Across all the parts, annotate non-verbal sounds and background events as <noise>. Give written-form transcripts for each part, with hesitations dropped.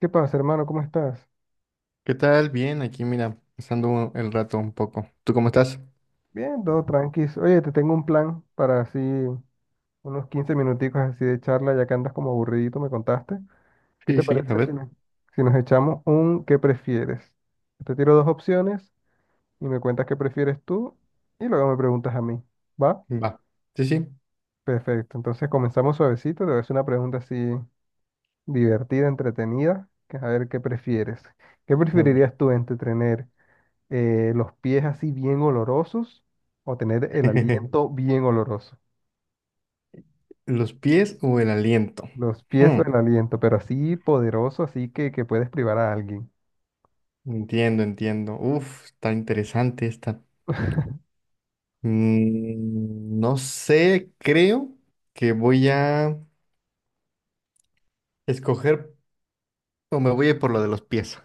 ¿Qué pasa, hermano? ¿Cómo estás? ¿Qué tal? Bien, aquí mira, pasando el rato un poco. ¿Tú cómo estás? Bien, todo tranquilo. Oye, te tengo un plan para así unos 15 minuticos así de charla, ya que andas como aburridito, me contaste. ¿Qué Sí, te sí, a parece si, ver. nos- si nos echamos un qué prefieres? Te tiro dos opciones y me cuentas qué prefieres tú y luego me preguntas a mí. ¿Va? Va. Sí, sí. Perfecto. Entonces comenzamos suavecito. Te voy a hacer una pregunta así divertida, entretenida, que es a ver qué prefieres. ¿Qué A ver. preferirías tú entre tener los pies así bien olorosos o tener el <laughs> aliento bien oloroso? ¿Los pies o el aliento? Los pies o Hmm, el aliento, pero así poderoso, así que puedes privar a alguien. Entiendo, entiendo. Uf, está interesante esta. No sé, creo que voy a escoger o me voy a ir por lo de los pies.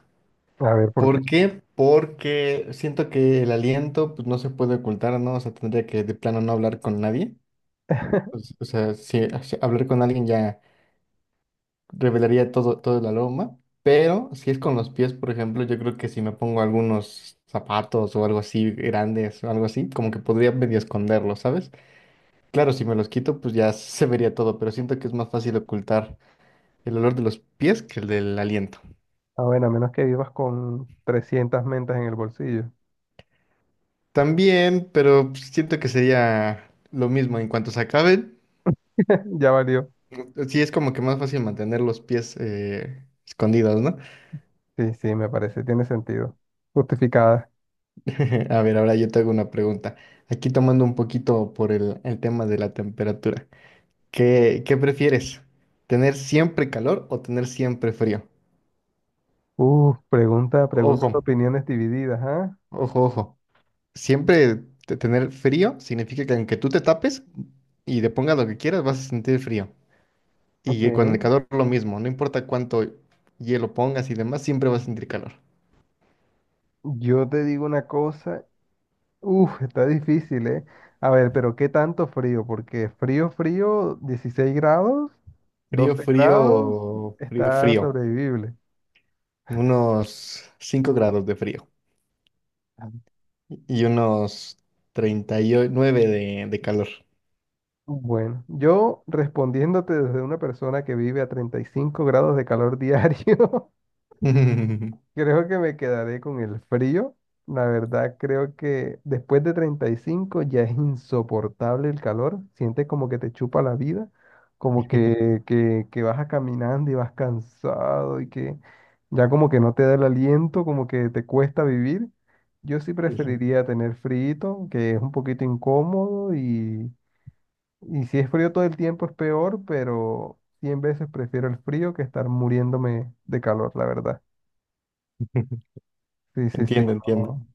A ver, ¿por qué? ¿Por qué? Porque siento que el aliento pues, no se puede ocultar, ¿no? O sea, tendría que de plano no hablar con nadie. <laughs> Pues, o sea, si hablar con alguien ya revelaría todo, todo el aroma, pero si es con los pies, por ejemplo, yo creo que si me pongo algunos zapatos o algo así grandes o algo así, como que podría medio esconderlos, ¿sabes? Claro, si me los quito, pues ya se vería todo, pero siento que es más fácil ocultar el olor de los pies que el del aliento. Ah, bueno, a menos que vivas con 300 mentas en el bolsillo. También, pero pues, siento que sería lo mismo en cuanto se acaben. <laughs> Ya valió. Sí, es como que más fácil mantener los pies escondidos, ¿no? Sí, sí, me parece, tiene sentido. Justificada. <laughs> A ver, ahora yo te hago una pregunta. Aquí tomando un poquito por el tema de la temperatura. ¿Qué prefieres? ¿Tener siempre calor o tener siempre frío? Preguntas, Ojo, opiniones divididas, ¿ah? ojo, ojo. Siempre tener frío significa que aunque tú te tapes y le pongas lo que quieras, vas a sentir frío. Ok. Y que con el calor lo mismo, no importa cuánto hielo pongas y demás, siempre vas a sentir calor. Yo te digo una cosa. Uf, está difícil, ¿eh? A ver, pero ¿qué tanto frío? Porque frío, frío, 16 grados, Frío, 12 grados, frío, frío, está frío. sobrevivible. Unos 5 grados de frío. Y unos 39 de calor. Bueno, yo respondiéndote desde una persona que vive a 35 grados de calor <laughs> diario. <laughs> Creo que me quedaré con el frío. La verdad, creo que después de 35 ya es insoportable el calor. Sientes como que te chupa la vida, como que vas a caminando y vas cansado y que ya como que no te da el aliento, como que te cuesta vivir. Yo sí Sí, sí. preferiría tener frío, que es un poquito incómodo y si es frío todo el tiempo es peor, pero 100 veces prefiero el frío que estar muriéndome de calor, la verdad. <laughs> Sí, sí, sí. Entiendo, entiendo. No.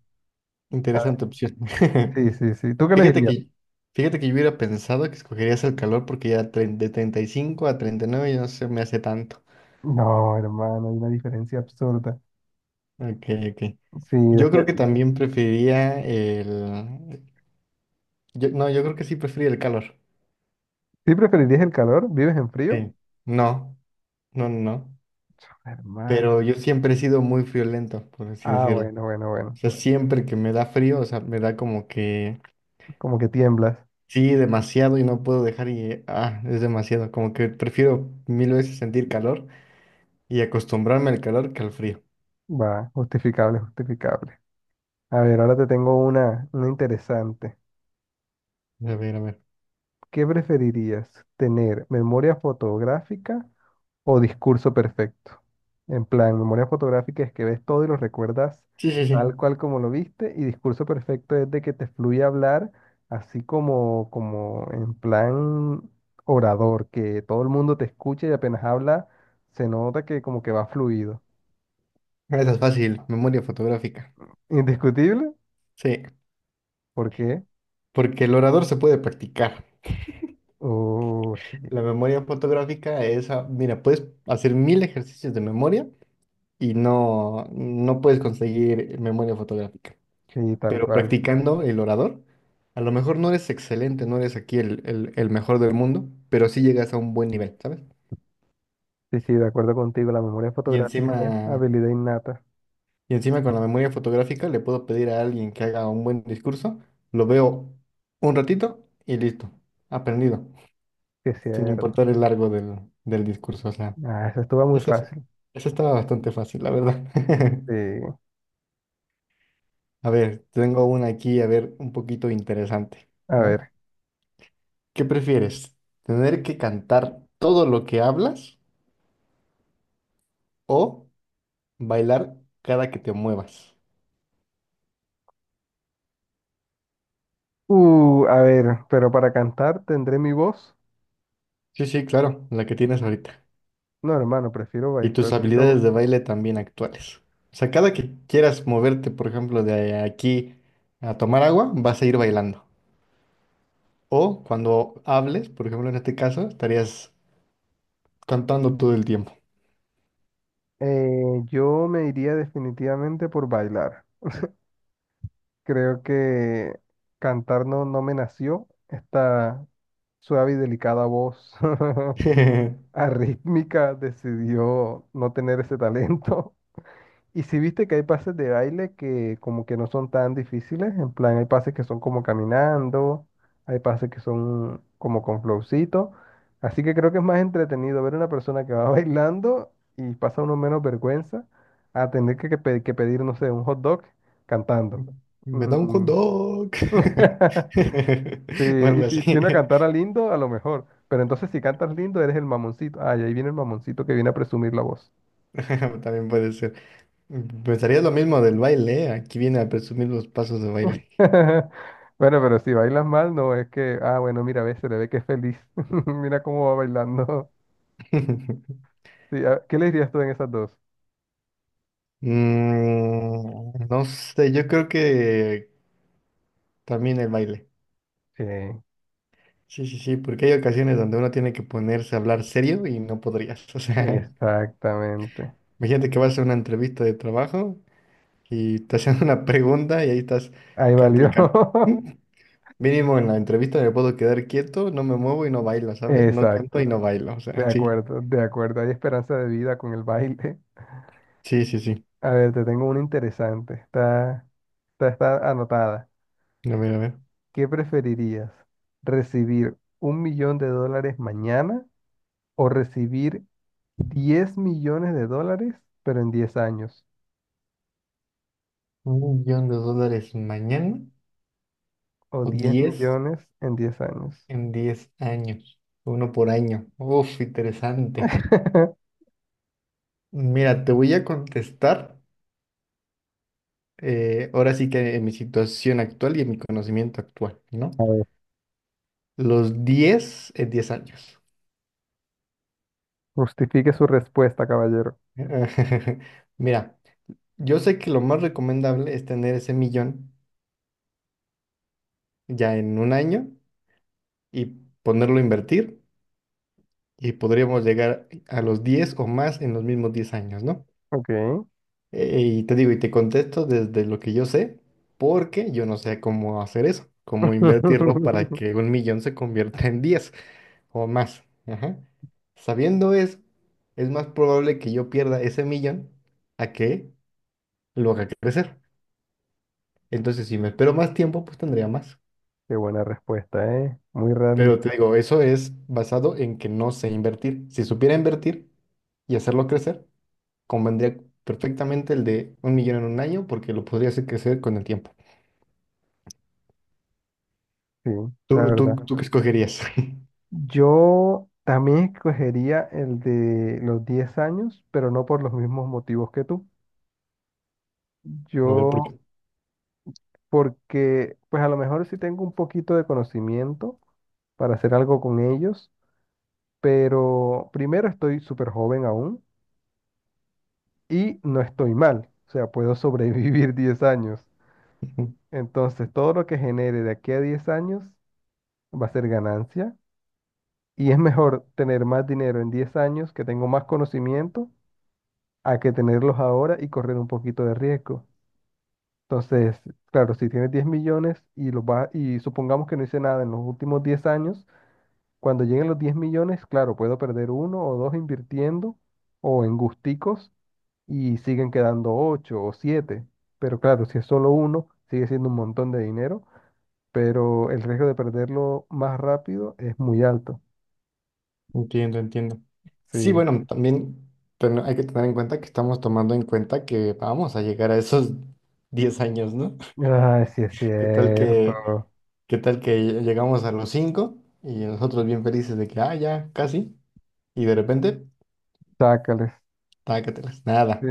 Ah, Interesante opción. <laughs> sí, sí, sí. ¿Tú qué Fíjate elegirías? que, fíjate que yo hubiera pensado que escogerías el calor porque ya de 35 a 39 ya no se me hace tanto. No, hermano, hay una diferencia absurda. Ok, ok. Sí, Yo creo después, que también preferiría no, yo creo que sí prefería el calor. ¿sí preferirías el calor? ¿Vives en frío? No, no, no, no. Pero Hermano. yo siempre he sido muy friolento, por así Ah, decirlo. bueno, bueno, O bueno. sea, siempre que me da frío, o sea, me da como que Como que tiemblas. sí, demasiado y no puedo dejar y, ah, es demasiado. Como que prefiero mil veces sentir calor y acostumbrarme al calor que al frío. Va, justificable, justificable. A ver, ahora te tengo una interesante. A ver, a ver. ¿Qué preferirías? ¿Tener memoria fotográfica o discurso perfecto? En plan, memoria fotográfica es que ves todo y lo recuerdas Sí, sí, sí. tal cual como lo viste. Y discurso perfecto es de que te fluye hablar así como, como en plan orador, que todo el mundo te escucha y apenas habla, se nota que como que va fluido. Esa es fácil. Memoria fotográfica. Indiscutible, Sí, ¿por qué? porque el orador se puede practicar. Oh, sí, La memoria fotográfica es, ah, mira, puedes hacer mil ejercicios de memoria y no, no puedes conseguir memoria fotográfica. sí, tal Pero cual. practicando el orador, a lo mejor no eres excelente, no eres aquí el mejor del mundo, pero sí llegas a un buen nivel, ¿sabes? Sí, sí, de acuerdo contigo, la memoria Y fotográfica es encima, habilidad innata, y encima con la memoria fotográfica le puedo pedir a alguien que haga un buen discurso, lo veo un ratito y listo, aprendido, que es sin cierto. importar el largo del discurso. O sea, Ah, eso estuvo muy eso, es- fácil. eso estaba bastante fácil, la verdad. <laughs> Sí, A ver, tengo una aquí, a ver, un poquito interesante, a ¿no? ver. ¿Qué prefieres? ¿Tener que cantar todo lo que hablas o bailar cada que te muevas? A ver, pero para cantar tendré mi voz. Sí, sí, claro, la que tienes ahorita. No, hermano, prefiero Y bailar, tus habilidades prefiero... de baile también actuales. O sea, cada que quieras moverte, por ejemplo, de aquí a tomar agua, vas a ir bailando. O cuando hables, por ejemplo, en este caso, estarías cantando todo el tiempo. Eh, yo me iría definitivamente por bailar. Creo que cantar no me nació. Esta suave y delicada voz <laughs> <laughs> arrítmica decidió no tener ese talento. Y si viste que hay pases de baile que como que no son tan difíciles, en plan hay pases que son como caminando, hay pases que son como con flowcito, así que creo que es más entretenido ver a una persona que va <laughs> bailando y pasa uno menos vergüenza a tener que pedir, no sé, un hot dog cantando. Me da un hot Mm. dog. <laughs> Sí, <laughs> O algo y así. si tiene a cantar a lindo, a lo mejor, pero entonces si cantas lindo eres el mamoncito, ay, ahí viene el mamoncito que viene a presumir la voz. <laughs> También puede ser. Pensarías lo mismo del baile, ¿eh? Aquí viene a presumir los pasos de baile. <laughs> Bueno, pero si bailas mal, no es que, ah, bueno, mira, ve, se le ve que es feliz. <laughs> Mira cómo va bailando. <laughs> <laughs> Sí, ah, ¿qué le dirías tú en esas dos? No sé, yo creo que también el baile. Sí, Sí, sí, sí, porque hay ocasiones donde uno tiene que ponerse a hablar serio y no podrías. <laughs> O sea, exactamente. imagínate que vas a una entrevista de trabajo y te hacen una pregunta y ahí estás, Ahí cante y valió. cante. <laughs> <laughs> Mínimo en la entrevista me puedo quedar quieto, no me muevo y no bailo, ¿sabes? No canto y Exacto. no bailo. O De sea, sí, acuerdo, de acuerdo. Hay esperanza de vida con el baile. sí, sí, sí. <laughs> A ver, te tengo una interesante. Está, está, está anotada. A ver, a ver. ¿Qué preferirías? ¿Recibir 1.000.000 de dólares mañana o recibir 10.000.000 de dólares, pero en 10 años? 1 millón de dólares mañana O o 10 10 millones en 10 años. en 10 años. Uno por año. Uf, interesante. <laughs> Mira, te voy a contestar. Ahora sí que en mi situación actual y en mi conocimiento actual, ¿no? A ver, Los 10 en 10 años. justifique su respuesta, caballero. <laughs> Mira, yo sé que lo más recomendable es tener ese millón ya en un año y ponerlo a invertir y podríamos llegar a los 10 o más en los mismos 10 años, ¿no? Ok. Y te digo, y te contesto desde lo que yo sé, porque yo no sé cómo hacer eso, cómo invertirlo <laughs> para que un millón se convierta en diez o más. Ajá. Sabiendo eso, es más probable que yo pierda ese millón a que lo haga crecer. Entonces, si me espero más tiempo, pues tendría más. Qué buena respuesta, ¿eh? Muy Pero te realista, digo, eso es basado en que no sé invertir. Si supiera invertir y hacerlo crecer, convendría perfectamente el de un millón en un año porque lo podría hacer crecer con el tiempo. sí, la ¿Tú, tú, verdad. tú qué escogerías? <laughs> Yo también escogería el de los 10 años, pero no por los mismos motivos que tú. A ver, ¿por Yo, qué? porque, pues a lo mejor sí tengo un poquito de conocimiento para hacer algo con ellos, pero primero estoy súper joven aún. Y no estoy mal, o sea, puedo sobrevivir <laughs> 10 años. Entonces, todo lo que genere de aquí a 10 años va a ser ganancia y es mejor tener más dinero en 10 años que tengo más conocimiento a que tenerlos ahora y correr un poquito de riesgo. Entonces, claro, si tienes 10 millones y y supongamos que no hice nada en los últimos 10 años, cuando lleguen los 10 millones, claro, puedo perder uno o dos invirtiendo o en gusticos y siguen quedando ocho o siete. Pero claro, si es solo uno, sigue siendo un montón de dinero, pero el riesgo de perderlo más rápido es muy alto. Entiendo, entiendo. Sí, Sí. bueno, también hay que tener en cuenta que estamos tomando en cuenta que vamos a llegar a esos 10 años, ¿no? <laughs> Ay, sí es ¿Qué tal cierto. que, qué tal que llegamos a los 5 y nosotros bien felices de que, ah, ya, casi, y de repente, Chácales. tácatelas, Sí. nada.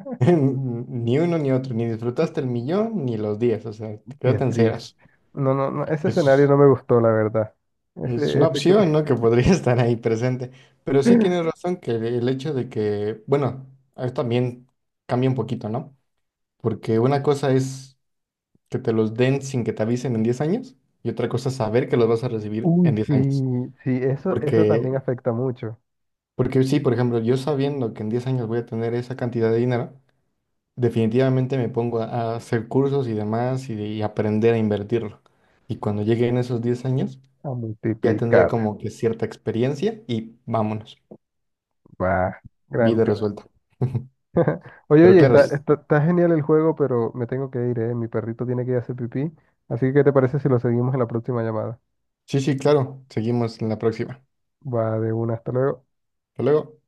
<laughs> Ni uno ni otro, ni disfrutaste el millón ni los diez, o sea, te Qué quedaste en triste. ceros. No, no, no, ese escenario Eso no me gustó, la verdad. es Ese, una ese que... opción, ¿no? Que podría <laughs> estar ahí presente. Pero sí tienes <laughs> razón que el hecho de que, bueno, ahí también cambia un poquito, ¿no? Porque una cosa es que te los den sin que te avisen en 10 años y otra cosa es saber que los vas a recibir en Uy, 10 años. sí, sí, eso también Porque, afecta mucho. porque sí, por ejemplo, yo sabiendo que en 10 años voy a tener esa cantidad de dinero, definitivamente me pongo a hacer cursos y demás y aprender a invertirlo. Y cuando lleguen esos 10 años, A ya tendría multiplicar. como que cierta experiencia y vámonos. Va. Gran Vida Dios. resuelta. <laughs> <laughs> Oye, Pero oye, claro. está, Sí, está, está genial el juego, pero me tengo que ir, ¿eh? Mi perrito tiene que ir a hacer pipí. Así que, ¿qué te parece si lo seguimos en la próxima llamada? sí, sí, claro. Seguimos en la próxima. Va de una, hasta luego. Hasta luego.